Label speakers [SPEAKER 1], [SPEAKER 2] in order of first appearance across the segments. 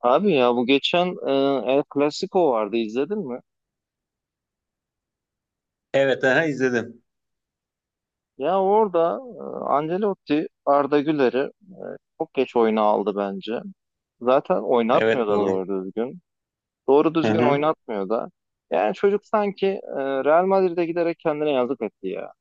[SPEAKER 1] Abi ya bu geçen El Clasico vardı izledin mi?
[SPEAKER 2] Evet, aha izledim.
[SPEAKER 1] Ya orada Ancelotti Arda Güler'i çok geç oyuna aldı bence. Zaten oynatmıyor
[SPEAKER 2] Evet
[SPEAKER 1] da
[SPEAKER 2] doğru.
[SPEAKER 1] doğru düzgün. Doğru
[SPEAKER 2] Hı
[SPEAKER 1] düzgün
[SPEAKER 2] hı.
[SPEAKER 1] oynatmıyor da. Yani çocuk sanki Real Madrid'e giderek kendine yazık etti ya.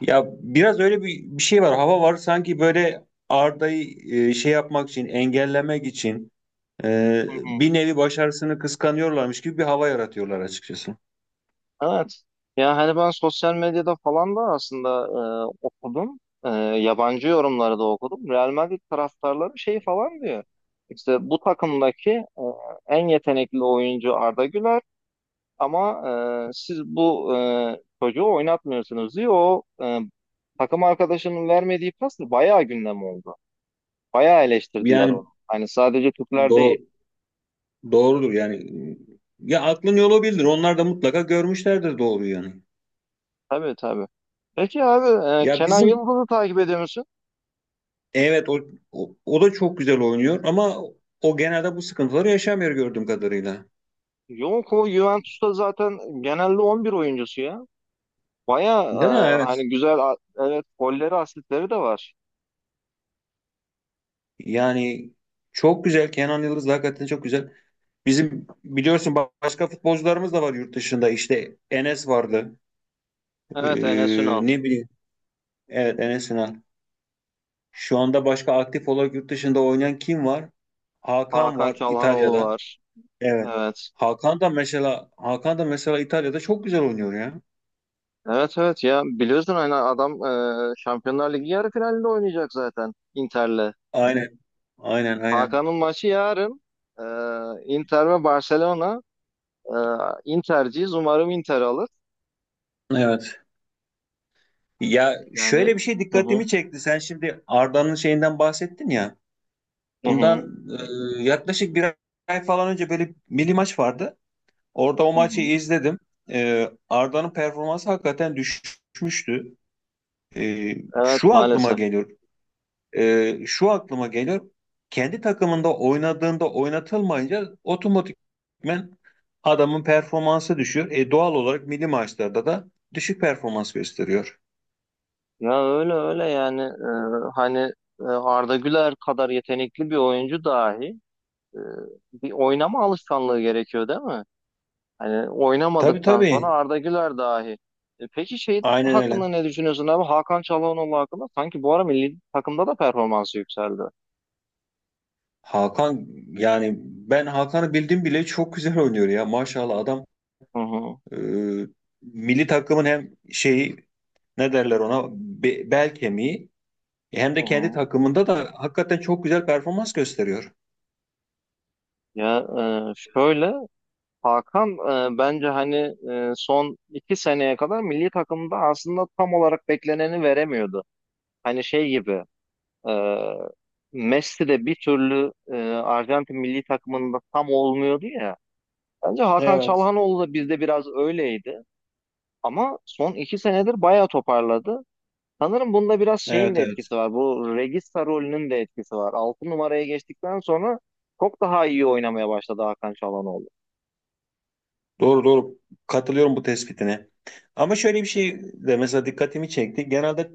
[SPEAKER 2] Ya biraz öyle bir şey var. Hava var sanki böyle Arda'yı şey yapmak için, engellemek için,
[SPEAKER 1] Hı hı.
[SPEAKER 2] bir nevi başarısını kıskanıyorlarmış gibi bir hava yaratıyorlar açıkçası.
[SPEAKER 1] Evet. Ya hani ben sosyal medyada falan da aslında okudum. E, Yabancı yorumları da okudum. Real Madrid taraftarları şey falan diyor. İşte bu takımdaki en yetenekli oyuncu Arda Güler ama siz bu çocuğu oynatmıyorsunuz diyor. O takım arkadaşının vermediği pas da bayağı gündem oldu. Bayağı eleştirdiler
[SPEAKER 2] Yani
[SPEAKER 1] onu. Hani sadece Türkler
[SPEAKER 2] do
[SPEAKER 1] değil.
[SPEAKER 2] doğrudur yani. Ya aklın yolu bildir. Onlar da mutlaka görmüşlerdir doğru yani.
[SPEAKER 1] Tabii tabii. Peki abi,
[SPEAKER 2] Ya
[SPEAKER 1] Kenan
[SPEAKER 2] bizim,
[SPEAKER 1] Yıldız'ı takip ediyor musun?
[SPEAKER 2] evet, o da çok güzel oynuyor ama o genelde bu sıkıntıları yaşamıyor gördüğüm kadarıyla.
[SPEAKER 1] Yok, o Juventus'ta zaten genelde 11 oyuncusu ya. Baya
[SPEAKER 2] Değil mi? Evet.
[SPEAKER 1] hani güzel evet, golleri asistleri de var.
[SPEAKER 2] Yani çok güzel. Kenan Yıldız da hakikaten çok güzel. Bizim biliyorsun, başka futbolcularımız da var yurt dışında. İşte Enes vardı.
[SPEAKER 1] Evet, Enes Ünal.
[SPEAKER 2] Ne bileyim. Evet Enes Ünal. Şu anda başka aktif olarak yurt dışında oynayan kim var? Hakan
[SPEAKER 1] Hakan
[SPEAKER 2] var
[SPEAKER 1] Çalhanoğlu
[SPEAKER 2] İtalya'da.
[SPEAKER 1] var.
[SPEAKER 2] Evet.
[SPEAKER 1] Evet.
[SPEAKER 2] Hakan da mesela İtalya'da çok güzel oynuyor ya.
[SPEAKER 1] Evet, evet, ya biliyorsun hani adam Şampiyonlar Ligi yarı finalinde oynayacak zaten Inter'le.
[SPEAKER 2] Aynen. Aynen aynen.
[SPEAKER 1] Hakan'ın maçı yarın, e, Inter ve Barcelona. E, Inter'ciyiz, umarım Inter alır.
[SPEAKER 2] Evet. Ya
[SPEAKER 1] Yani,
[SPEAKER 2] şöyle bir şey
[SPEAKER 1] hı hı,
[SPEAKER 2] dikkatimi çekti. Sen şimdi Arda'nın şeyinden bahsettin ya.
[SPEAKER 1] hı hı.
[SPEAKER 2] Bundan yaklaşık bir ay falan önce böyle milli maç vardı. Orada o
[SPEAKER 1] Hı
[SPEAKER 2] maçı
[SPEAKER 1] hı.
[SPEAKER 2] izledim. Arda'nın performansı hakikaten düşmüştü. E,
[SPEAKER 1] Evet,
[SPEAKER 2] Şu aklıma
[SPEAKER 1] maalesef.
[SPEAKER 2] geliyor. Şu aklıma geliyor. Kendi takımında oynadığında oynatılmayınca otomatikmen adamın performansı düşüyor. Doğal olarak milli maçlarda da düşük performans gösteriyor.
[SPEAKER 1] Ya öyle öyle yani, hani, Arda Güler kadar yetenekli bir oyuncu dahi e, bir oynama alışkanlığı gerekiyor değil mi? Hani
[SPEAKER 2] Tabii
[SPEAKER 1] oynamadıktan sonra
[SPEAKER 2] tabii.
[SPEAKER 1] Arda Güler dahi. Peki şey
[SPEAKER 2] Aynen öyle.
[SPEAKER 1] hakkında ne düşünüyorsun abi? Hakan Çalhanoğlu hakkında sanki bu ara milli takımda da performansı yükseldi.
[SPEAKER 2] Hakan, yani ben Hakan'ı bildim bile çok güzel oynuyor ya. Maşallah adam.
[SPEAKER 1] Hı hı.
[SPEAKER 2] Ee, Milli takımın hem şeyi, ne derler ona, bel kemiği, hem
[SPEAKER 1] Hı
[SPEAKER 2] de kendi
[SPEAKER 1] hı.
[SPEAKER 2] takımında da hakikaten çok güzel performans gösteriyor.
[SPEAKER 1] Ya, şöyle Hakan bence hani son 2 seneye kadar milli takımda aslında tam olarak bekleneni veremiyordu. Hani şey gibi. Ee, Messi de bir türlü Arjantin milli takımında tam olmuyordu ya. Bence Hakan
[SPEAKER 2] Evet.
[SPEAKER 1] Çalhanoğlu da bizde biraz öyleydi. Ama son 2 senedir bayağı toparladı. Sanırım bunda biraz şeyin
[SPEAKER 2] Evet
[SPEAKER 1] de
[SPEAKER 2] evet.
[SPEAKER 1] etkisi var. Bu Regista rolünün de etkisi var. 6 numaraya geçtikten sonra çok daha iyi oynamaya başladı Hakan Çalhanoğlu.
[SPEAKER 2] Doğru doğru. Katılıyorum bu tespitine. Ama şöyle bir şey de mesela dikkatimi çekti. Genelde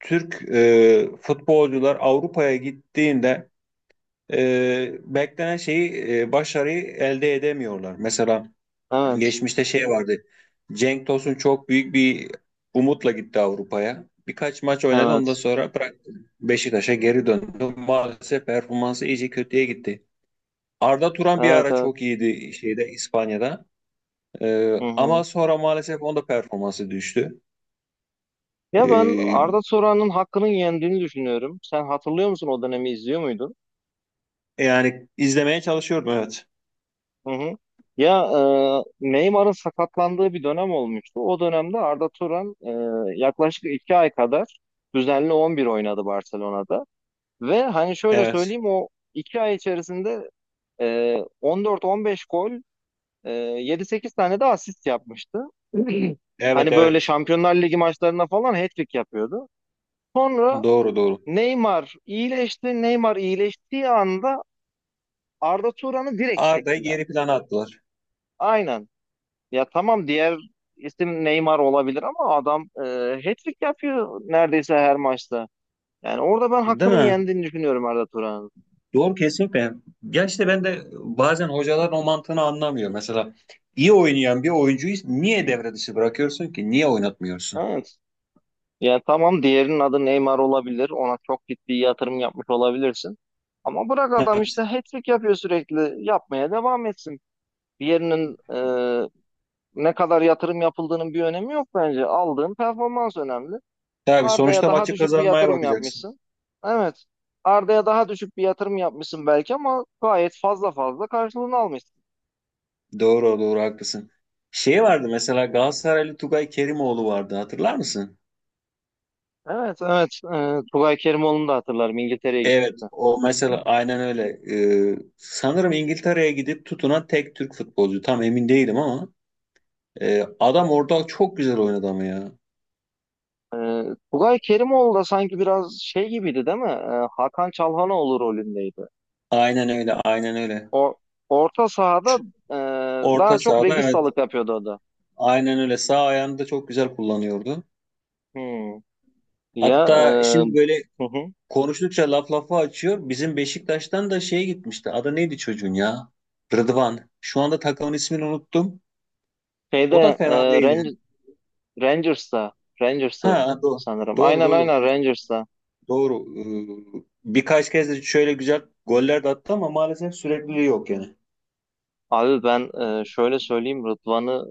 [SPEAKER 2] Türk futbolcular Avrupa'ya gittiğinde beklenen şeyi, başarıyı elde edemiyorlar. Mesela
[SPEAKER 1] Evet,
[SPEAKER 2] geçmişte şey vardı. Cenk Tosun çok büyük bir umutla gitti Avrupa'ya. Birkaç maç oynadı, ondan
[SPEAKER 1] evet,
[SPEAKER 2] sonra bıraktı. Beşiktaş'a geri döndü. Maalesef performansı iyice kötüye gitti. Arda Turan bir
[SPEAKER 1] evet,
[SPEAKER 2] ara
[SPEAKER 1] evet.
[SPEAKER 2] çok iyiydi şeyde, İspanya'da.
[SPEAKER 1] Hı hı.
[SPEAKER 2] Ama sonra maalesef onda performansı düştü.
[SPEAKER 1] Ya, ben
[SPEAKER 2] Ee,
[SPEAKER 1] Arda Turan'ın hakkının yendiğini düşünüyorum. Sen hatırlıyor musun, o dönemi izliyor muydun?
[SPEAKER 2] yani izlemeye çalışıyorum, evet.
[SPEAKER 1] Hı hı. Ya, Neymar'ın sakatlandığı bir dönem olmuştu. O dönemde Arda Turan yaklaşık 2 ay kadar düzenli 11 oynadı Barcelona'da. Ve hani şöyle
[SPEAKER 2] Evet.
[SPEAKER 1] söyleyeyim, o 2 ay içerisinde 14-15 gol, 7-8 tane de asist yapmıştı.
[SPEAKER 2] Evet
[SPEAKER 1] Hani böyle
[SPEAKER 2] evet.
[SPEAKER 1] Şampiyonlar Ligi maçlarına falan hat-trick yapıyordu. Sonra
[SPEAKER 2] Doğru doğru.
[SPEAKER 1] Neymar iyileşti. Neymar iyileştiği anda Arda Turan'ı direkt
[SPEAKER 2] Arda'yı
[SPEAKER 1] çektiler.
[SPEAKER 2] geri plana attılar.
[SPEAKER 1] Aynen. Ya tamam, diğer isim Neymar olabilir ama adam hat-trick yapıyor neredeyse her maçta. Yani orada ben
[SPEAKER 2] Değil
[SPEAKER 1] hakkının
[SPEAKER 2] mi?
[SPEAKER 1] yendiğini düşünüyorum Arda Turan'ın.
[SPEAKER 2] Doğru kesinlikle. Ya işte ben de bazen hocaların o mantığını anlamıyor. Mesela iyi oynayan bir oyuncuyu niye devre dışı bırakıyorsun ki? Niye oynatmıyorsun?
[SPEAKER 1] Evet. Ya tamam, diğerinin adı Neymar olabilir. Ona çok ciddi yatırım yapmış olabilirsin. Ama bırak, adam
[SPEAKER 2] Evet.
[SPEAKER 1] işte hat-trick yapıyor sürekli. Yapmaya devam etsin. Diğerinin ne kadar yatırım yapıldığının bir önemi yok bence. Aldığın performans önemli.
[SPEAKER 2] Tabii,
[SPEAKER 1] Arda'ya
[SPEAKER 2] sonuçta
[SPEAKER 1] daha
[SPEAKER 2] maçı
[SPEAKER 1] düşük bir
[SPEAKER 2] kazanmaya
[SPEAKER 1] yatırım
[SPEAKER 2] bakacaksın.
[SPEAKER 1] yapmışsın. Evet. Arda'ya daha düşük bir yatırım yapmışsın belki ama gayet fazla fazla karşılığını almışsın.
[SPEAKER 2] Doğru doğru, haklısın. Şey vardı mesela, Galatasaraylı Tugay Kerimoğlu vardı, hatırlar mısın?
[SPEAKER 1] Evet, evet. Tugay Kerimoğlu'nu da hatırlarım. İngiltere'ye
[SPEAKER 2] Evet,
[SPEAKER 1] gitti.
[SPEAKER 2] o mesela aynen öyle. Sanırım İngiltere'ye gidip tutunan tek Türk futbolcu. Tam emin değilim ama adam orada çok güzel oynadı ama ya.
[SPEAKER 1] Ee, Tugay Kerimoğlu da sanki biraz şey gibiydi değil mi? Hakan Çalhanoğlu rolündeydi.
[SPEAKER 2] Aynen öyle, aynen öyle.
[SPEAKER 1] O orta sahada e, daha
[SPEAKER 2] Orta
[SPEAKER 1] çok
[SPEAKER 2] sahada, evet.
[SPEAKER 1] registalık yapıyordu o da.
[SPEAKER 2] Aynen öyle. Sağ ayağını da çok güzel kullanıyordu.
[SPEAKER 1] Hmm. Ya,
[SPEAKER 2] Hatta şimdi böyle
[SPEAKER 1] hı hı.
[SPEAKER 2] konuştukça laf lafı açıyor. Bizim Beşiktaş'tan da şey gitmişti. Adı neydi çocuğun ya? Rıdvan. Şu anda takımın ismini unuttum. O da
[SPEAKER 1] Şeyde e,
[SPEAKER 2] fena değil yani.
[SPEAKER 1] Ran- Rangers'ta Rangers'ı
[SPEAKER 2] Ha, doğru.
[SPEAKER 1] sanırım.
[SPEAKER 2] Doğru
[SPEAKER 1] Aynen,
[SPEAKER 2] doğru.
[SPEAKER 1] aynen, Rangers'ta.
[SPEAKER 2] Doğru. Birkaç kez de şöyle güzel goller de attı ama maalesef sürekliliği yok yani.
[SPEAKER 1] Abi ben şöyle söyleyeyim, Rıdvan'ı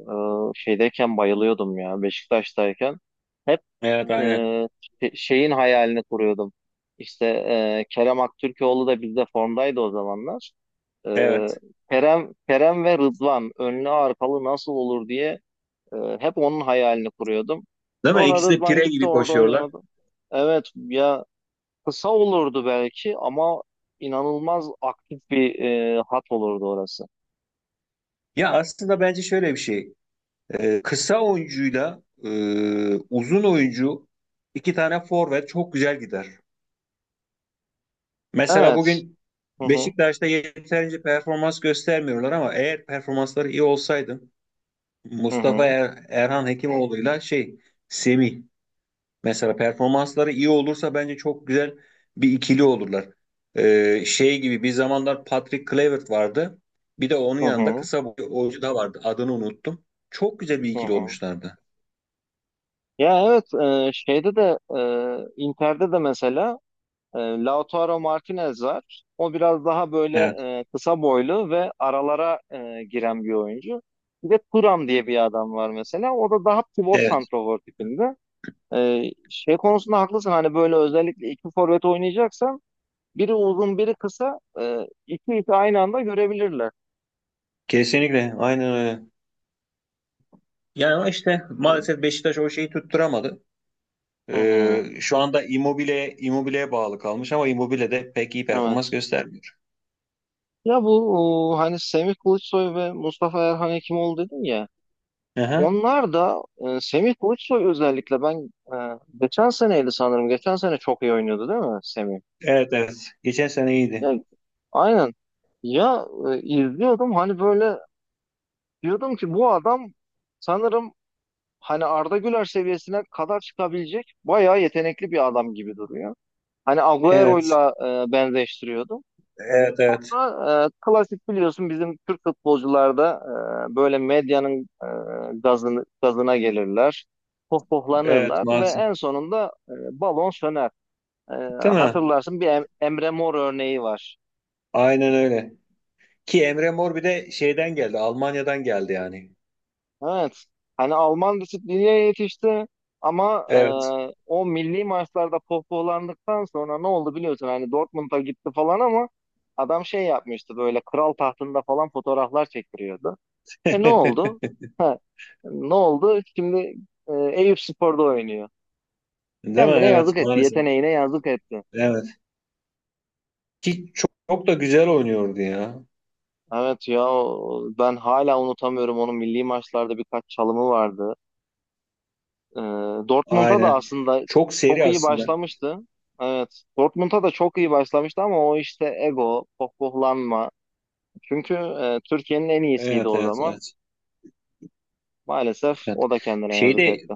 [SPEAKER 1] şeydeyken bayılıyordum ya, Beşiktaş'tayken. Hep
[SPEAKER 2] Evet
[SPEAKER 1] e,
[SPEAKER 2] aynen.
[SPEAKER 1] şeyin hayalini kuruyordum. İşte Kerem Aktürkoğlu da bizde formdaydı o zamanlar. E,
[SPEAKER 2] Evet.
[SPEAKER 1] Kerem Kerem ve Rıdvan önlü arkalı nasıl olur diye hep onun hayalini kuruyordum.
[SPEAKER 2] Değil mi?
[SPEAKER 1] Sonra
[SPEAKER 2] İkisi de
[SPEAKER 1] Rıdvan
[SPEAKER 2] pire
[SPEAKER 1] gitti,
[SPEAKER 2] gibi
[SPEAKER 1] orada
[SPEAKER 2] koşuyorlar.
[SPEAKER 1] oynayamadı. Evet ya, kısa olurdu belki ama inanılmaz aktif bir hat olurdu orası.
[SPEAKER 2] Ya aslında bence şöyle bir şey. Kısa oyuncuyla, uzun oyuncu, iki tane forvet çok güzel gider. Mesela
[SPEAKER 1] Evet.
[SPEAKER 2] bugün
[SPEAKER 1] Hı hı.
[SPEAKER 2] Beşiktaş'ta yeterince performans göstermiyorlar ama eğer performansları iyi olsaydı
[SPEAKER 1] Hı
[SPEAKER 2] Mustafa
[SPEAKER 1] hı,
[SPEAKER 2] Erhan Hekimoğlu'yla şey, Semih, mesela performansları iyi olursa bence çok güzel bir ikili olurlar. Şey gibi, bir zamanlar Patrick Kluivert vardı. Bir de onun
[SPEAKER 1] hı
[SPEAKER 2] yanında
[SPEAKER 1] hı,
[SPEAKER 2] kısa boylu oyuncu da vardı. Adını unuttum. Çok güzel bir
[SPEAKER 1] hı
[SPEAKER 2] ikili
[SPEAKER 1] hı.
[SPEAKER 2] olmuşlardı.
[SPEAKER 1] Ya evet, şeyde de Inter'de de mesela Lautaro Martinez var. O biraz daha böyle
[SPEAKER 2] Evet.
[SPEAKER 1] kısa boylu ve aralara giren bir oyuncu. Bir de Thuram diye bir adam var mesela. O da daha pivot
[SPEAKER 2] Evet.
[SPEAKER 1] santrafor tipinde. E, Şey konusunda haklısın, hani böyle özellikle iki forvet oynayacaksan biri uzun biri kısa, iki ipi aynı anda görebilirler.
[SPEAKER 2] Kesinlikle, aynen öyle. Yani ama işte maalesef Beşiktaş o şeyi tutturamadı.
[SPEAKER 1] Hı hı,
[SPEAKER 2] Şu anda Immobile'ye bağlı kalmış ama Immobile de pek iyi performans
[SPEAKER 1] evet.
[SPEAKER 2] göstermiyor.
[SPEAKER 1] Ya bu hani Semih Kılıçsoy ve Mustafa Erhan Hekimoğlu dedim ya.
[SPEAKER 2] Aha.
[SPEAKER 1] Onlar da Semih Kılıçsoy özellikle, ben geçen seneydi sanırım. Geçen sene çok iyi oynuyordu değil mi Semih?
[SPEAKER 2] Evet evet. Geçen sene
[SPEAKER 1] Ya,
[SPEAKER 2] iyiydi.
[SPEAKER 1] aynen. Ya, izliyordum hani böyle, diyordum ki bu adam sanırım hani Arda Güler seviyesine kadar çıkabilecek bayağı yetenekli bir adam gibi duruyor. Hani
[SPEAKER 2] Evet.
[SPEAKER 1] Agüero'yla benzeştiriyordum.
[SPEAKER 2] Evet evet.
[SPEAKER 1] Ama, klasik biliyorsun, bizim Türk futbolcularda böyle medyanın gazına gelirler,
[SPEAKER 2] Evet
[SPEAKER 1] pohpohlanırlar ve
[SPEAKER 2] maalesef.
[SPEAKER 1] en sonunda balon söner. E,
[SPEAKER 2] Değil mi?
[SPEAKER 1] Hatırlarsın, bir Emre Mor örneği var.
[SPEAKER 2] Aynen öyle. Ki Emre Mor bir de şeyden geldi. Almanya'dan geldi yani.
[SPEAKER 1] Evet, hani Alman disipline yetişti ama
[SPEAKER 2] Evet.
[SPEAKER 1] o milli maçlarda pohpohlandıktan sonra ne oldu biliyorsun, hani Dortmund'a gitti falan ama adam şey yapmıştı, böyle kral tahtında falan fotoğraflar çektiriyordu. Ne oldu? Ha, ne oldu? Şimdi Eyüpspor'da oynuyor.
[SPEAKER 2] Değil mi?
[SPEAKER 1] Kendine
[SPEAKER 2] Evet
[SPEAKER 1] yazık etti.
[SPEAKER 2] maalesef.
[SPEAKER 1] Yeteneğine yazık etti.
[SPEAKER 2] Evet. Ki çok, çok da güzel oynuyordu ya.
[SPEAKER 1] Evet ya, ben hala unutamıyorum, onun milli maçlarda birkaç çalımı vardı. E, Dortmund'a da
[SPEAKER 2] Aynen.
[SPEAKER 1] aslında
[SPEAKER 2] Çok
[SPEAKER 1] çok
[SPEAKER 2] seri
[SPEAKER 1] iyi
[SPEAKER 2] aslında.
[SPEAKER 1] başlamıştı. Evet. Dortmund'a da çok iyi başlamıştı ama o işte ego, pohpohlanma. Çünkü Türkiye'nin en iyisiydi
[SPEAKER 2] Evet
[SPEAKER 1] o
[SPEAKER 2] evet
[SPEAKER 1] zaman.
[SPEAKER 2] evet.
[SPEAKER 1] Maalesef
[SPEAKER 2] Evet.
[SPEAKER 1] o da kendine yazık
[SPEAKER 2] Şeyde,
[SPEAKER 1] etti.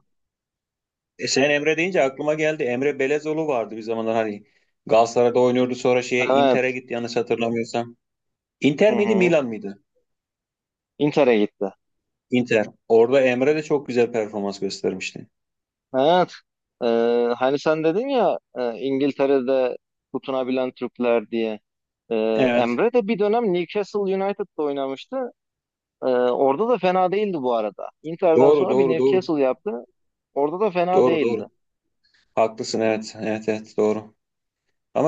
[SPEAKER 2] sen Emre deyince aklıma geldi. Emre Belezoğlu vardı bir zamanlar, hani Galatasaray'da oynuyordu, sonra şeye, Inter'e
[SPEAKER 1] Evet.
[SPEAKER 2] gitti yanlış hatırlamıyorsam.
[SPEAKER 1] Hı
[SPEAKER 2] Inter miydi,
[SPEAKER 1] hı.
[SPEAKER 2] Milan mıydı?
[SPEAKER 1] Inter'e gitti.
[SPEAKER 2] Inter. Orada Emre de çok güzel performans göstermişti.
[SPEAKER 1] Evet. Ee, Hani sen dedin ya, İngiltere'de tutunabilen Türkler diye. Ee,
[SPEAKER 2] Evet.
[SPEAKER 1] Emre de bir dönem Newcastle United'da oynamıştı. Orada da fena değildi bu arada. Inter'den
[SPEAKER 2] Doğru
[SPEAKER 1] sonra bir
[SPEAKER 2] doğru doğru.
[SPEAKER 1] Newcastle yaptı. Orada da fena
[SPEAKER 2] Doğru doğru.
[SPEAKER 1] değildi.
[SPEAKER 2] Haklısın, evet. Evet evet, doğru. Ama